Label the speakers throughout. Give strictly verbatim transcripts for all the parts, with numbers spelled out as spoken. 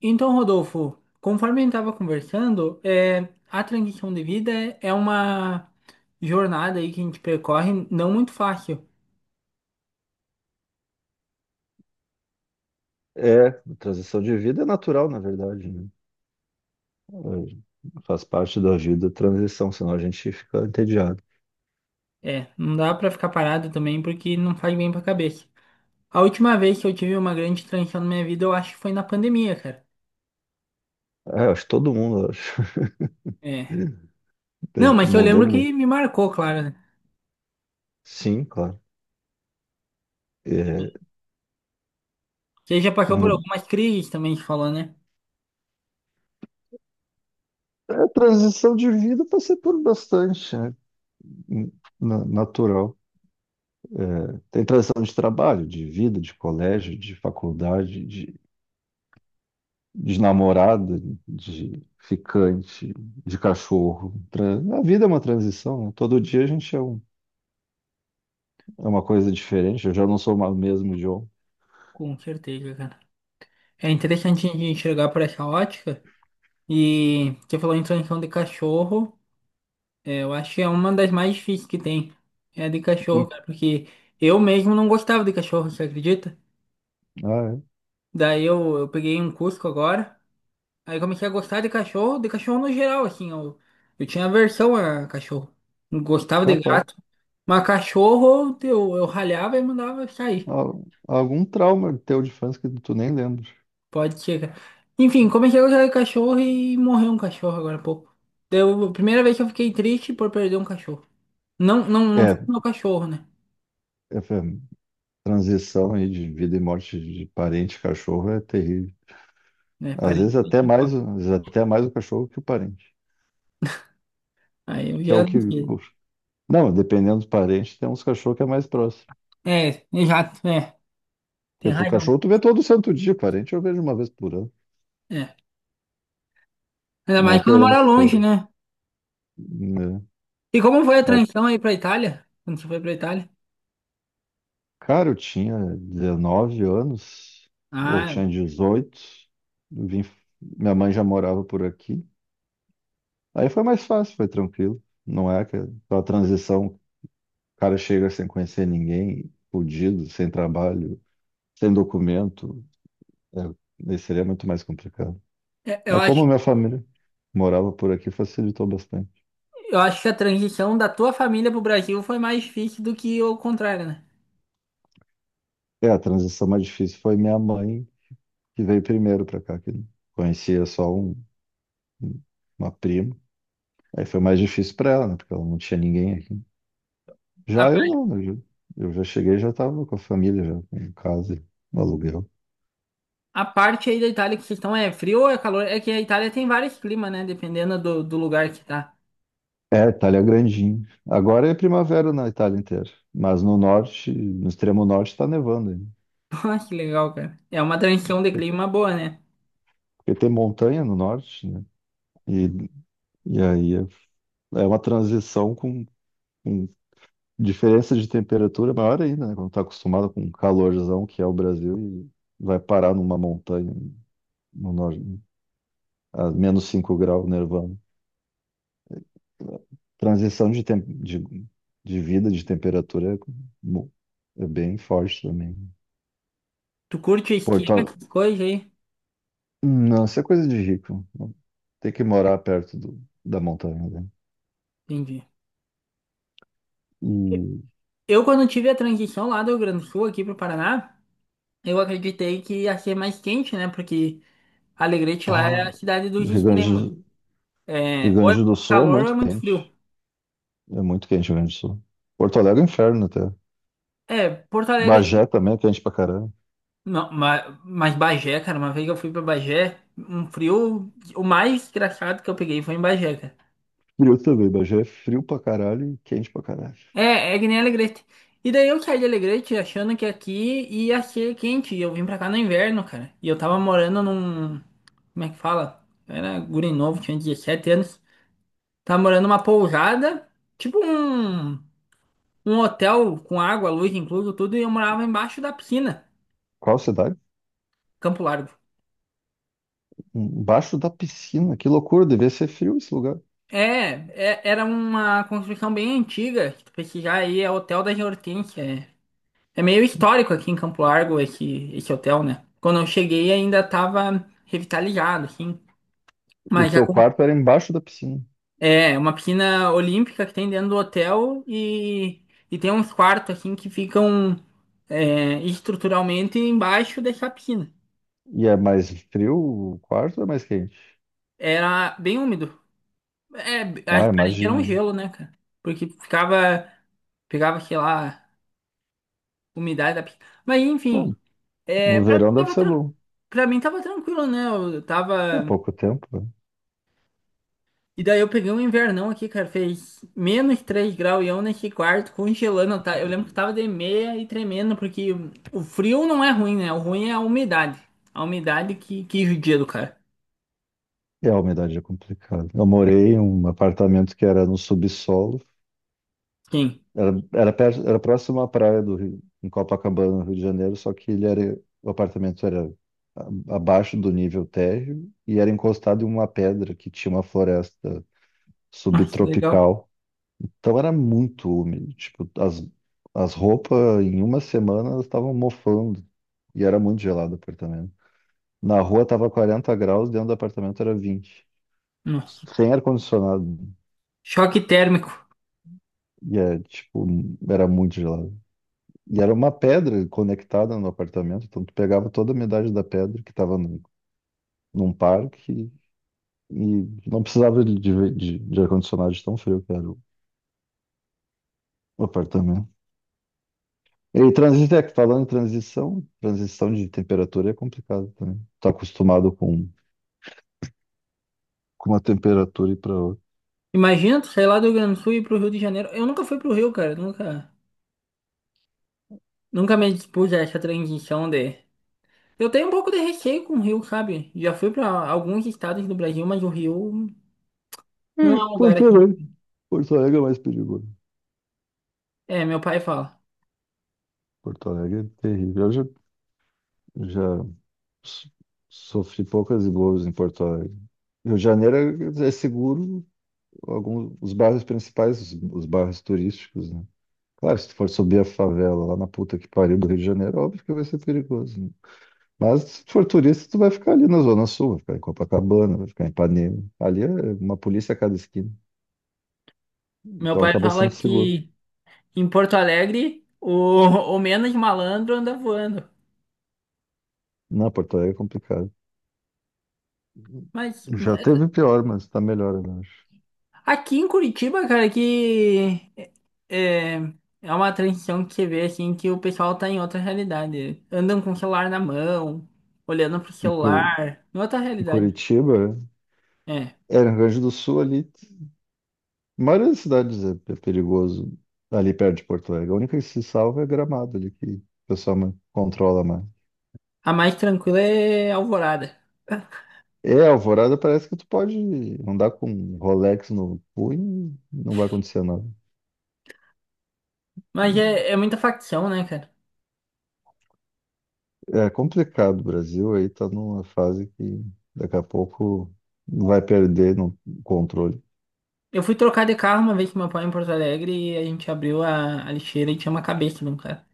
Speaker 1: Então, Rodolfo, conforme a gente estava conversando, é, a transição de vida é é uma jornada aí que a gente percorre não muito fácil.
Speaker 2: É, transição de vida é natural, na verdade, né? É, faz parte da vida a transição, senão a gente fica entediado.
Speaker 1: É, não dá para ficar parado também porque não faz bem para a cabeça. A última vez que eu tive uma grande transição na minha vida, eu acho que foi na pandemia, cara.
Speaker 2: É, eu acho que todo mundo, eu acho.
Speaker 1: É.
Speaker 2: É,
Speaker 1: Não, mas eu
Speaker 2: mudou
Speaker 1: lembro
Speaker 2: muito.
Speaker 1: que me marcou, claro, né?
Speaker 2: Sim, claro. É,
Speaker 1: Você já passou por
Speaker 2: mu-
Speaker 1: algumas crises também, você falou, né?
Speaker 2: é, transição de vida passei por bastante, né? Na- natural. É, tem transição de trabalho, de vida, de colégio, de faculdade, de, de namorada, de ficante, de cachorro. Tran- A vida é uma transição, né? Todo dia a gente é um. É uma coisa diferente, eu já não sou o mesmo John.
Speaker 1: Com certeza, cara. É interessante a gente enxergar por essa ótica. E você falou em transição de cachorro. É, eu acho que é uma das mais difíceis que tem. É a de
Speaker 2: Hum.
Speaker 1: cachorro, cara, porque eu mesmo não gostava de cachorro, você acredita?
Speaker 2: Ah, é.
Speaker 1: Daí eu, eu peguei um Cusco agora, aí comecei a gostar de cachorro, de cachorro no geral, assim, eu, eu tinha aversão a cachorro. Não gostava de
Speaker 2: Capaz.
Speaker 1: gato, mas cachorro eu, eu ralhava e mandava sair.
Speaker 2: Al- Algum trauma teu de infância que tu nem lembra.
Speaker 1: Pode chegar. Enfim, comecei a gostar de cachorro e morreu um cachorro agora há pouco. Deu, primeira vez que eu fiquei triste por perder um cachorro. Não, não, não foi
Speaker 2: É,
Speaker 1: meu cachorro, né?
Speaker 2: é, foi transição aí de vida e morte de parente, cachorro é terrível.
Speaker 1: Né,
Speaker 2: Às vezes até
Speaker 1: parente.
Speaker 2: mais, o- às vezes até mais o cachorro que o parente,
Speaker 1: Aí eu
Speaker 2: que é o
Speaker 1: já
Speaker 2: que.
Speaker 1: não sei.
Speaker 2: o- Não, dependendo dos parentes, tem uns cachorros que é mais próximo.
Speaker 1: É, exato, é. Tem
Speaker 2: Porque tu, o
Speaker 1: razão.
Speaker 2: cachorro tu vê todo santo dia, parente eu vejo uma vez por ano.
Speaker 1: É. Ainda
Speaker 2: Não
Speaker 1: mais quando
Speaker 2: querendo
Speaker 1: mora
Speaker 2: ser,
Speaker 1: longe, né?
Speaker 2: né?
Speaker 1: E como foi a transição aí pra Itália? Quando você foi pra Itália?
Speaker 2: Cara, eu tinha dezenove anos, ou
Speaker 1: Ah,
Speaker 2: tinha dezoito. Vim, minha mãe já morava por aqui. Aí foi mais fácil, foi tranquilo. Não é aquela aquela transição, o cara chega sem conhecer ninguém, fudido, sem trabalho, sem documento, é, aí seria muito mais complicado.
Speaker 1: é, eu
Speaker 2: Mas
Speaker 1: acho,
Speaker 2: como minha família morava por aqui, facilitou bastante.
Speaker 1: eu acho que a transição da tua família pro Brasil foi mais difícil do que o contrário, né?
Speaker 2: É, a transição mais difícil foi minha mãe, que veio primeiro para cá, que conhecia só um, uma prima. Aí foi mais difícil para ela, né? Porque ela não tinha ninguém aqui.
Speaker 1: A,
Speaker 2: Já eu
Speaker 1: pa-
Speaker 2: não, né? Eu eu já cheguei, e já estava com a família, já em casa, e no aluguel.
Speaker 1: a parte aí da Itália que vocês estão é frio ou é calor? É que a Itália tem vários climas, né? Dependendo do, do lugar que tá.
Speaker 2: É, Itália é grandinho. Agora é primavera na Itália inteira, mas no norte, no extremo norte, está nevando ainda.
Speaker 1: Pô, que legal, cara. É uma transição de
Speaker 2: Porque
Speaker 1: clima boa, né?
Speaker 2: porque tem montanha no norte, né? E, e aí é é uma transição com, com diferença de temperatura maior ainda, né? Quando está acostumado com o calorzão que é o Brasil e vai parar numa montanha no norte, a menos cinco graus, nevando. Transição de, tem- de, de vida, de temperatura é, mu- é bem forte também.
Speaker 1: Tu curte esqui,
Speaker 2: Porto Alegre.
Speaker 1: essas coisas aí?
Speaker 2: Não, isso é coisa de rico. Tem que morar perto do, da montanha, né?
Speaker 1: Entendi.
Speaker 2: E
Speaker 1: Eu, quando tive a transição lá do Rio Grande do Sul aqui pro Paraná, eu acreditei que ia ser mais quente, né? Porque Alegrete lá é a
Speaker 2: pá,
Speaker 1: cidade dos
Speaker 2: Rio Grande,
Speaker 1: extremos.
Speaker 2: do- Rio
Speaker 1: É, ou é
Speaker 2: Grande do
Speaker 1: muito
Speaker 2: Sul é
Speaker 1: calor ou é
Speaker 2: muito
Speaker 1: muito frio.
Speaker 2: quente. É muito quente o Rio Grande do Sul. Porto Alegre é um inferno até.
Speaker 1: É, Porto Alegre.
Speaker 2: Bagé também é quente pra caralho.
Speaker 1: Não, mas, mas Bagé, cara, uma vez que eu fui pra Bagé, um frio. O mais engraçado que eu peguei foi em Bagé, cara.
Speaker 2: Frio também. Bagé é frio pra caralho e quente pra caralho.
Speaker 1: É, é que nem Alegrete. E daí eu saí de Alegrete achando que aqui ia ser quente. E eu vim pra cá no inverno, cara. E eu tava morando num. Como é que fala? Eu era guri novo, tinha dezessete anos. Tava morando numa pousada, tipo um. um hotel com água, luz incluso, tudo, e eu morava embaixo da piscina.
Speaker 2: Qual cidade?
Speaker 1: Campo Largo.
Speaker 2: Embaixo da piscina. Que loucura, devia ser frio esse lugar.
Speaker 1: É, é- era uma construção bem antiga, se tu pesquisar aí, é Hotel das Hortênsias. É, é meio histórico aqui em Campo Largo esse, esse hotel, né? Quando eu cheguei ainda estava revitalizado, assim.
Speaker 2: E o
Speaker 1: Mas já
Speaker 2: teu
Speaker 1: com-
Speaker 2: quarto era embaixo da piscina.
Speaker 1: é uma piscina olímpica que tem dentro do hotel e, e tem uns quartos, assim, que ficam é, estruturalmente embaixo dessa piscina.
Speaker 2: E é mais frio o quarto ou é mais quente?
Speaker 1: Era bem úmido. É, a
Speaker 2: Ah,
Speaker 1: parede era um
Speaker 2: imagino.
Speaker 1: gelo, né, cara? Porque ficava, pegava, sei lá, umidade da... pi- Mas, enfim,
Speaker 2: Bom,
Speaker 1: é,
Speaker 2: no
Speaker 1: pra mim
Speaker 2: verão deve
Speaker 1: tava,
Speaker 2: ser
Speaker 1: tran...
Speaker 2: bom.
Speaker 1: pra mim tava tranquilo, né? Eu
Speaker 2: É
Speaker 1: tava...
Speaker 2: pouco tempo, né?
Speaker 1: E daí eu peguei um invernão aqui, cara, fez menos três graus e eu nesse quarto congelando, tá? Eu lembro que tava de meia e tremendo, porque o frio não é ruim, né? O ruim é a umidade. A umidade que, que judia do cara.
Speaker 2: E a umidade é complicada. Eu morei em um apartamento que era no subsolo.
Speaker 1: Sim.
Speaker 2: Era, era, perto, era próximo à praia do Rio, em Copacabana, no Rio de Janeiro, só que ele era, o apartamento era a- abaixo do nível térreo e era encostado em uma pedra que tinha uma floresta
Speaker 1: Nossa, legal.
Speaker 2: subtropical. Então era muito úmido, tipo, as, as roupas em uma semana elas estavam mofando e era muito gelado o apartamento. Na rua tava quarenta graus, dentro do apartamento era vinte.
Speaker 1: Nossa.
Speaker 2: Sem ar-condicionado,
Speaker 1: Choque térmico.
Speaker 2: e é, tipo, era muito gelado. E era uma pedra conectada no apartamento, então tu pegava toda a umidade da pedra que tava num, num parque e, e não precisava de, de, de de ar-condicionado de tão frio que era o apartamento. E transição, é que falando em transição, transição de temperatura é complicado também. Tá acostumado com, com uma temperatura e para outra.
Speaker 1: Imagina, tu sair lá do Rio Grande do Sul e ir pro Rio de Janeiro. Eu nunca fui pro Rio, cara. Nunca, nunca me dispus a essa transição de. Eu tenho um pouco de receio com o Rio, sabe? Já fui pra alguns estados do Brasil, mas o Rio
Speaker 2: É,
Speaker 1: não é um lugar
Speaker 2: Porto
Speaker 1: aqui.
Speaker 2: Alegre. Porto Alegre é mais perigoso.
Speaker 1: É, meu pai fala.
Speaker 2: Porto Alegre é terrível. Eu já, já so- sofri poucas e boas em Porto Alegre. Rio de Janeiro é é seguro, alguns, os bairros principais, os, os bairros turísticos, né? Claro, se tu for subir a favela lá na puta que pariu do Rio de Janeiro, óbvio que vai ser perigoso, né? Mas se for turista, tu vai ficar ali na Zona Sul, vai ficar em Copacabana, vai ficar em Ipanema. Ali é uma polícia a cada esquina.
Speaker 1: Meu
Speaker 2: Então
Speaker 1: pai
Speaker 2: acaba
Speaker 1: fala
Speaker 2: sendo seguro.
Speaker 1: que em Porto Alegre o, o menos malandro anda voando.
Speaker 2: Na Porto Alegre é complicado.
Speaker 1: Mas
Speaker 2: Já teve pior, mas tá melhor, eu acho.
Speaker 1: aqui em Curitiba, cara, que é, é uma transição que você vê assim que o pessoal tá em outra realidade. Andam com o celular na mão, olhando pro
Speaker 2: Em Curi-
Speaker 1: celular, em outra
Speaker 2: em
Speaker 1: realidade.
Speaker 2: Curitiba,
Speaker 1: É.
Speaker 2: é, no Rio Grande do Sul ali, a maioria das cidades é é perigoso ali perto de Porto Alegre. A única que se salva é Gramado ali, que o pessoal ma- controla mais.
Speaker 1: A mais tranquila é Alvorada.
Speaker 2: É, Alvorada parece que tu pode andar com Rolex no punho, e não vai acontecer nada.
Speaker 1: Mas é, é muita facção, né, cara?
Speaker 2: É complicado. O Brasil aí tá numa fase que daqui a pouco vai perder no controle.
Speaker 1: Eu fui trocar de carro uma vez com meu pai em Porto Alegre e a gente abriu a, a lixeira e tinha uma cabeça de um cara.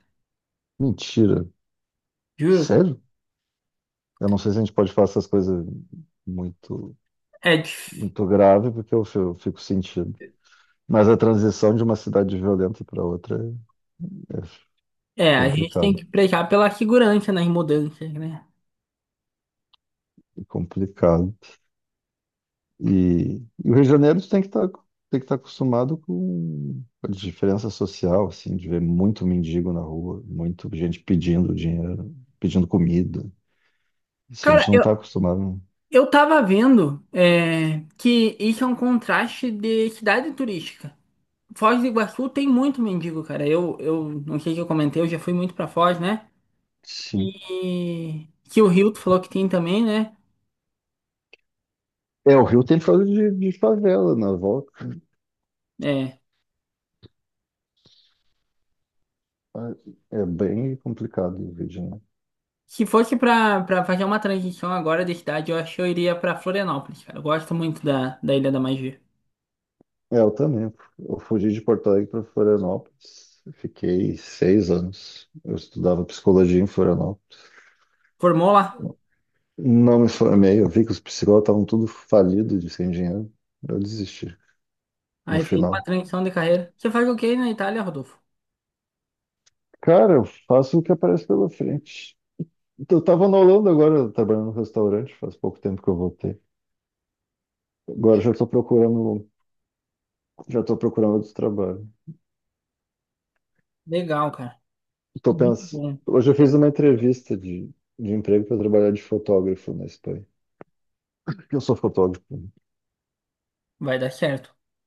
Speaker 2: Mentira.
Speaker 1: Juro, cara.
Speaker 2: Sério? Eu não sei se a gente pode falar essas coisas muito,
Speaker 1: É, dif-
Speaker 2: muito grave, porque eu fi- eu fico sentindo. Mas a transição de uma cidade violenta para outra é é
Speaker 1: é, a gente tem
Speaker 2: complicado,
Speaker 1: que pregar pela segurança nas mudanças, né?
Speaker 2: é complicado. E, e o Rio de Janeiro tem que estar tem que estar acostumado com a diferença social, assim, de ver muito mendigo na rua, muito gente pedindo dinheiro, pedindo comida. Assim, a gente
Speaker 1: Cara,
Speaker 2: não
Speaker 1: eu,
Speaker 2: está acostumado. Né?
Speaker 1: eu tava vendo é, que isso é um contraste de cidade turística. Foz do Iguaçu tem muito mendigo, cara. Eu, eu não sei se eu comentei, eu já fui muito pra Foz, né?
Speaker 2: Sim.
Speaker 1: E que o Rio tu falou que tem também, né?
Speaker 2: É, o Rio tem por de, de favela na volta.
Speaker 1: É,
Speaker 2: É bem complicado o vídeo, né?
Speaker 1: se fosse pra, pra fazer uma transição agora de cidade, eu acho que eu iria pra Florianópolis, cara. Eu gosto muito da, da Ilha da Magia.
Speaker 2: É, eu também. Eu fugi de Porto Alegre para Florianópolis. Fiquei seis anos. Eu estudava psicologia em Florianópolis.
Speaker 1: Formou lá,
Speaker 2: Não me formei. Eu vi que os psicólogos estavam tudo falidos de sem dinheiro. Eu desisti no
Speaker 1: aí fez uma
Speaker 2: final.
Speaker 1: transição de carreira. Você faz o quê na Itália, Rodolfo?
Speaker 2: Cara, eu faço o que aparece pela frente. Então, eu estava na Holanda agora, trabalhando no restaurante. Faz pouco tempo que eu voltei. Agora já estou procurando Já estou procurando outro trabalho.
Speaker 1: Legal, cara.
Speaker 2: Tô
Speaker 1: Muito
Speaker 2: pens...
Speaker 1: bom.
Speaker 2: Hoje eu fiz uma entrevista de, de emprego para trabalhar de fotógrafo na Espanha. Porque eu sou fotógrafo.
Speaker 1: Vai dar certo.